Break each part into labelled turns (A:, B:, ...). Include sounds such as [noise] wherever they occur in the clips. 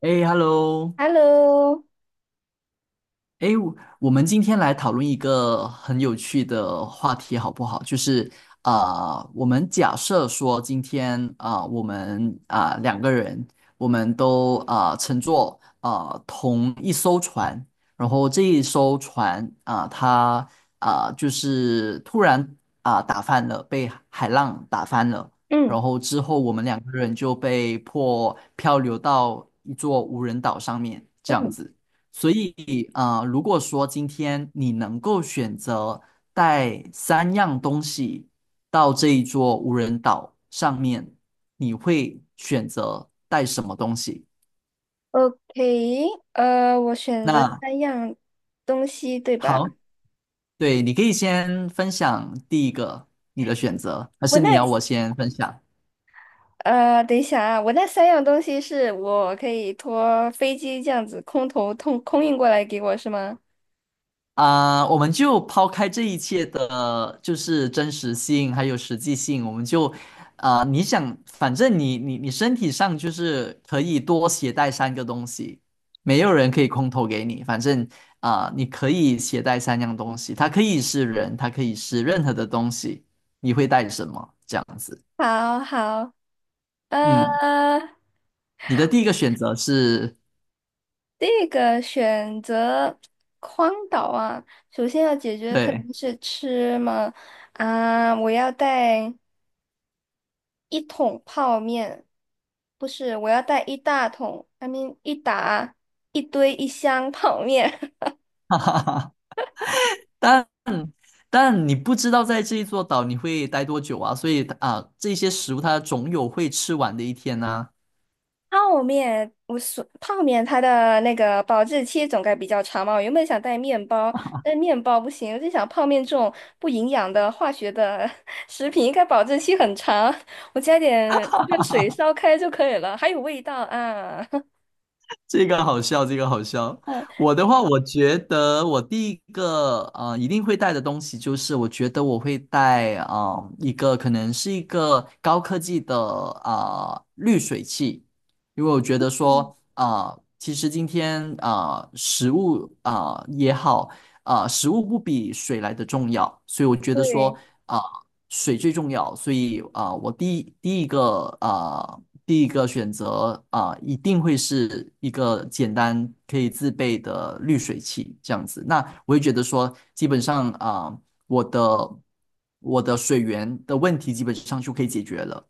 A: 哎，hello，
B: Hello，
A: 哎，我我们今天来讨论一个很有趣的话题，好不好？就是啊、我们假设说今天我们两个人，我们都乘坐同一艘船，然后这一艘船它就是突然打翻了，被海浪打翻了，
B: 嗯
A: 然后之后我们两个人就被迫漂流到一座无人岛上面，这样
B: 嗯
A: 子。所以，啊，如果说今天你能够选择带三样东西到这一座无人岛上面，你会选择带什么东西？
B: ，OK，我选择
A: 那
B: 三样东西，对吧？
A: 好，对，你可以先分享第一个你的选择，还
B: 我
A: 是你
B: 那
A: 要我先分享？
B: 等一下啊，我那三样东西是我可以托飞机这样子空投通空运过来给我是吗？
A: 我们就抛开这一切的，就是真实性还有实际性，我们就你想，反正你身体上就是可以多携带三个东西，没有人可以空投给你，反正你可以携带三样东西，它可以是人，它可以是任何的东西，你会带什么？这样子。
B: 好好，呃，
A: 嗯，你的第一个选择是，
B: 这个选择荒岛啊，首先要解决肯
A: 对。
B: 定是吃嘛，啊，我要带。一桶泡面，不是，我要带一大桶，一打一堆一箱泡面。[laughs]
A: [laughs] 哈哈哈。但。但你不知道在这一座岛你会待多久啊，所以啊，这些食物它总有会吃完的一天呐。
B: 泡面，我说泡面它的那个保质期总该比较长嘛。我原本想带面包，但面包不行，我就想泡面这种不营养的化学的 [laughs] 食品应该保质期很长，我加点热水烧开就可以了，还有味道啊。[laughs]
A: 这个好笑，这个好笑。
B: 嗯，
A: 我的话，我觉得我第一个啊一定会带的东西就是，我觉得我会带一个可能是一个高科技的滤水器，因为我觉得说其实今天食物也好。食物不比水来的重要，所以我觉得说，
B: 对。
A: 啊，水最重要，所以啊，我第一个啊，第一个选择啊，一定会是一个简单可以自备的滤水器这样子。那我会觉得说，基本上啊，我的我的水源的问题基本上就可以解决了。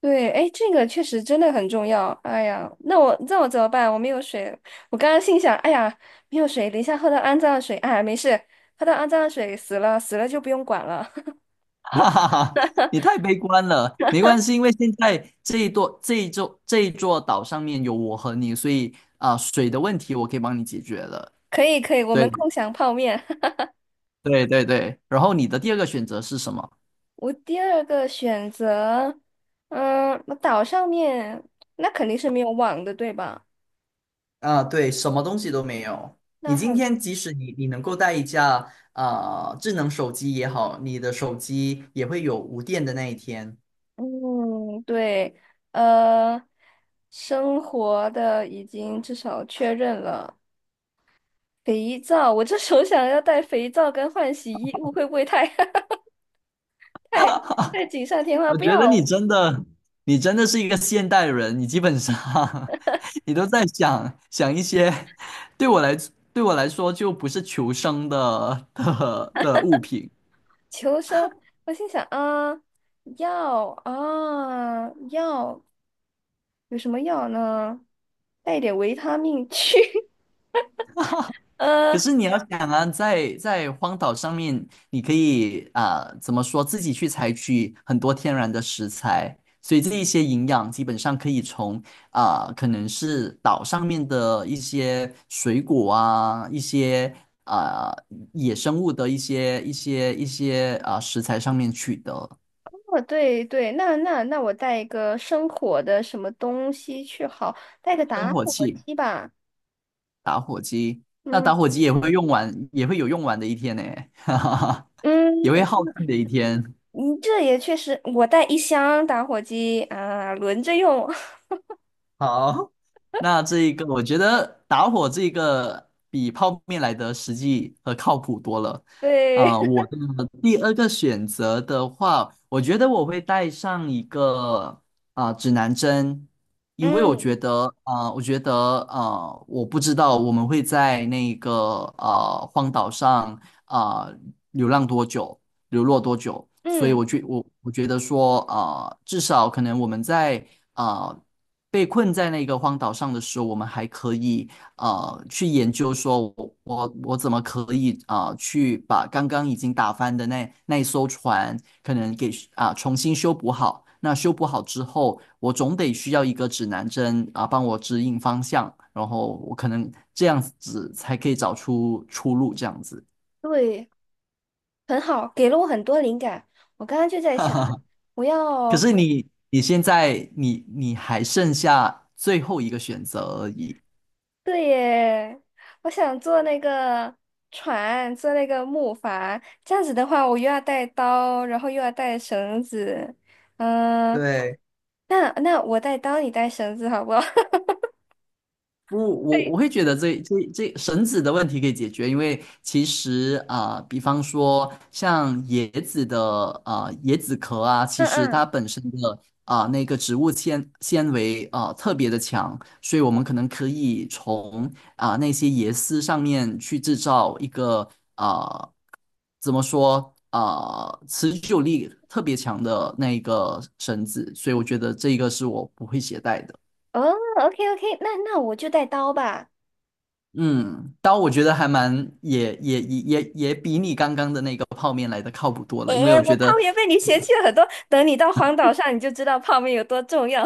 B: 对，哎，这个确实真的很重要。哎呀，那我怎么办？我没有水。我刚刚心想，哎呀，没有水，等一下喝到肮脏的水。哎呀，没事，喝到肮脏的水死了，死了就不用管了。[laughs]
A: [laughs] 哈哈哈，你太悲观了，没关系，因为现在这一座岛上面有我和你，所以啊，水的问题我可以帮你解决了。
B: 可以，可以，我们
A: 对。
B: 共享泡面。[laughs]
A: 对对对，然后你的第二个选择是什么？
B: 我第二个选择，嗯，那岛上面那肯定是没有网的，对吧？
A: 啊，对，什么东西都没有。你
B: 那
A: 今
B: 很，
A: 天即使你能够带一架智能手机也好，你的手机也会有无电的那一天。
B: 嗯，对，呃，生活的已经至少确认了。肥皂，我这手想要带肥皂跟换洗衣物，会不会太 [laughs] 太太锦上添花？
A: 我
B: 不
A: 觉得你
B: 要
A: 真的，你真的是一个现代人，你基本上 [laughs] 你都在想想一些，对我来对我来说就不是求生的物品。
B: 求生。我心想啊，药啊药，有什么药呢？带一点维他命去。[laughs]
A: 可
B: 呃，
A: 是你要想啊，在荒岛上面，你可以怎么说，自己去采取很多天然的食材，所以这一些营养基本上可以从可能是岛上面的一些水果啊，一些啊、野生物的一些食材上面取得。
B: 哦对对，那我带一个生火的什么东西去好，带个
A: 生
B: 打
A: 火
B: 火
A: 器、
B: 机吧。
A: 打火机，那打
B: 嗯
A: 火机也会用完，也会有用完的一天呢，[laughs] 哈哈哈，也
B: 嗯，
A: 会耗尽的一天。
B: 你这也确实，我带一箱打火机啊，轮着用。
A: [laughs] 好，那这一个我觉得打火这个比泡面来的实际和靠谱多了。
B: [laughs] 对，
A: 我的第二个选择的话，我觉得我会带上一个指南针，
B: [laughs]
A: 因为我
B: 嗯。
A: 觉得啊、我觉得啊、我不知道我们会在那个啊荒岛上啊、流浪多久，流落多久，所以
B: 嗯，
A: 我觉得说啊、至少可能我们在。啊、被困在那个荒岛上的时候，我们还可以啊去研究说我，我怎么可以去把刚刚已经打翻的那一艘船，可能给重新修补好。那修补好之后，我总得需要一个指南针啊、帮我指引方向，然后我可能这样子才可以找出出路，这样子。
B: 对，很好，给了我很多灵感。我刚刚就
A: [laughs]
B: 在
A: 哈
B: 想，
A: 哈，
B: 我
A: 可
B: 要，
A: 是你现在你还剩下最后一个选择而已。
B: 对耶，我想做那个船，做那个木筏。这样子的话，我又要带刀，然后又要带绳子。嗯，
A: 对。
B: 那我带刀，你带绳子，好不好？[laughs]
A: 不，我
B: 对，
A: 会觉得这绳子的问题可以解决，因为其实比方说像椰子的啊椰子壳啊，其
B: 嗯
A: 实
B: 嗯，
A: 它本身的那个植物纤维特别的强，所以我们可能可以从那些椰丝上面去制造一个啊、呃怎么说持久力特别强的那一个绳子，所以我觉得这个是我不会携带的。
B: 哦，OK OK，那我就带刀吧。
A: 嗯，但我觉得还蛮也比你刚刚的那个泡面来的靠谱多了，因为
B: 诶，
A: 我
B: 我
A: 觉
B: 泡
A: 得，
B: 面被你嫌弃了很多，等你到荒岛上，你就知道泡面有多重要。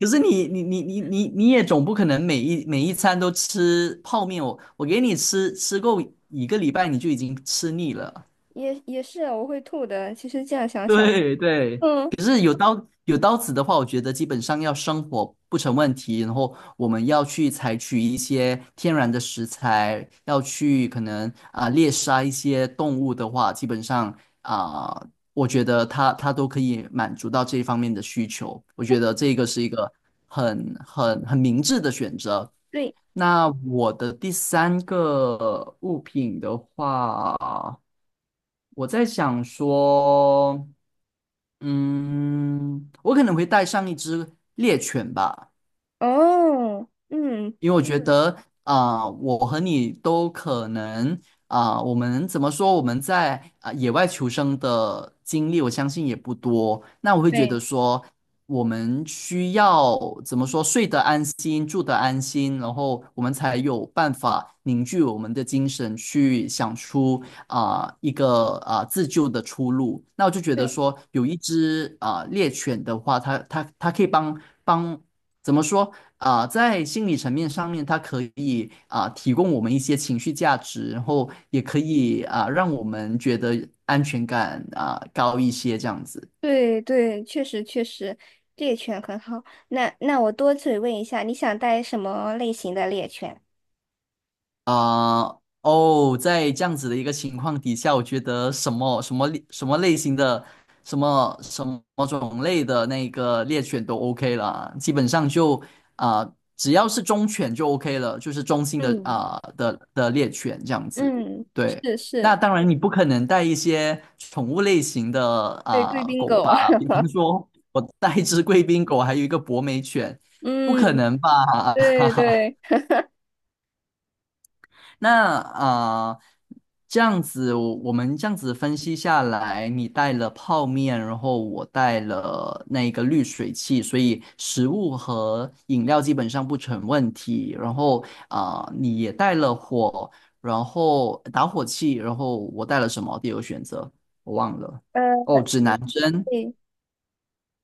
A: 可是你也总不可能每一餐都吃泡面，我给你吃够一个礼拜你就已经吃腻了。
B: 也是啊我会吐的。其实这样
A: [laughs]
B: 想想，
A: 对对，
B: 嗯，
A: 可是有刀子的话，我觉得基本上要生火不成问题。然后我们要去采取一些天然的食材，要去可能猎杀一些动物的话，基本上啊、我觉得它都可以满足到这方面的需求。我觉得这个是一个很明智的选择。
B: 对，
A: 那我的第三个物品的话，我在想说。嗯，我可能会带上一只猎犬吧。
B: 哦，嗯，
A: 因为我觉得我和你都可能我们怎么说？我们在野外求生的经历，我相信也不多。那我会觉得
B: 对，
A: 说，我们需要怎么说？睡得安心，住得安心，然后我们才有办法凝聚我们的精神，去想出啊、一个啊、自救的出路。那我就觉得
B: 对，
A: 说，有一只猎犬的话，它可以帮帮。怎么说？在心理层面上面，它可以提供我们一些情绪价值，然后也可以让我们觉得安全感啊、高一些这样子。
B: 对，对，确实确实，猎犬很好。那我多嘴问一下，你想带什么类型的猎犬？
A: 啊、哦，在这样子的一个情况底下，我觉得什么什么类什么类型的、什么什么种类的那个猎犬都 OK 了，基本上就啊、只要是忠犬就 OK 了，就是中心的
B: 嗯
A: 啊、的的猎犬这样子。
B: 嗯，
A: 对，
B: 是
A: 那
B: 是，
A: 当然你不可能带一些宠物类型的
B: 对，贵宾
A: 狗
B: 狗。
A: 吧，
B: [laughs]
A: 比
B: 啊。
A: 方说我带一只贵宾狗，还有一个博美犬，不可
B: 嗯，
A: 能吧？
B: 对
A: [laughs]
B: 对，
A: 那啊，这样子我们这样子分析下来，你带了泡面，然后我带了那个滤水器，所以食物和饮料基本上不成问题。然后你也带了火，然后打火器，然后我带了什么？第二个选择我忘了。
B: 呃，
A: 哦，指
B: 你
A: 南针。
B: 对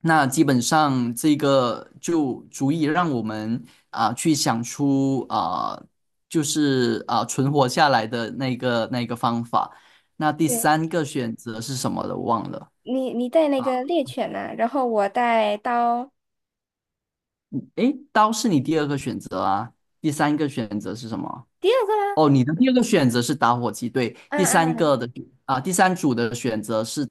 A: 那基本上这个就足以让我们去想出就是啊、存活下来的那个方法。那第
B: 对，
A: 三个选择是什么的？我忘了。
B: 你带那个猎犬呢，然后我带刀。
A: 诶，刀是你第二个选择啊，第三个选择是什么？
B: 第二个啦，
A: 哦，你的第二个选择是打火机，对，第
B: 嗯
A: 三
B: 嗯，
A: 个的第三组的选择是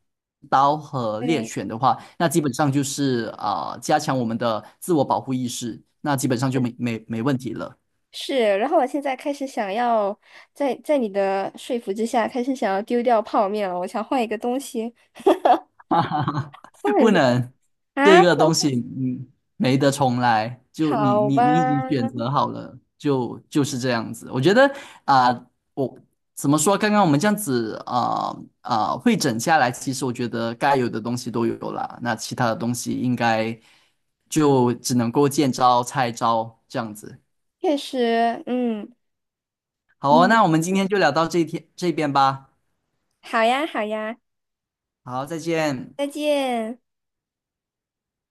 A: 刀和猎
B: 对。
A: 犬的话，那基本上就是加强我们的自我保护意识，那基本上就
B: 是。
A: 没问题了。
B: 是，然后我现在开始想要在你的说服之下，开始想要丢掉泡面了。我想换一个东西，换一
A: 不
B: 个
A: 能这
B: 啊，不
A: 个
B: 能
A: 东
B: 换，
A: 西，嗯，没得重来。就你
B: 好
A: 你你已
B: 吧？
A: 经选择好了，就就是这样子。我觉得啊、我怎么说？刚刚我们这样子会诊下来，其实我觉得该有的东西都有了，那其他的东西应该就只能够见招拆招这样子。
B: 确实，嗯，
A: 好哦那我们
B: 你
A: 今天就聊到这一天这边吧。
B: 好呀，好呀，
A: 好，再见。
B: 再见。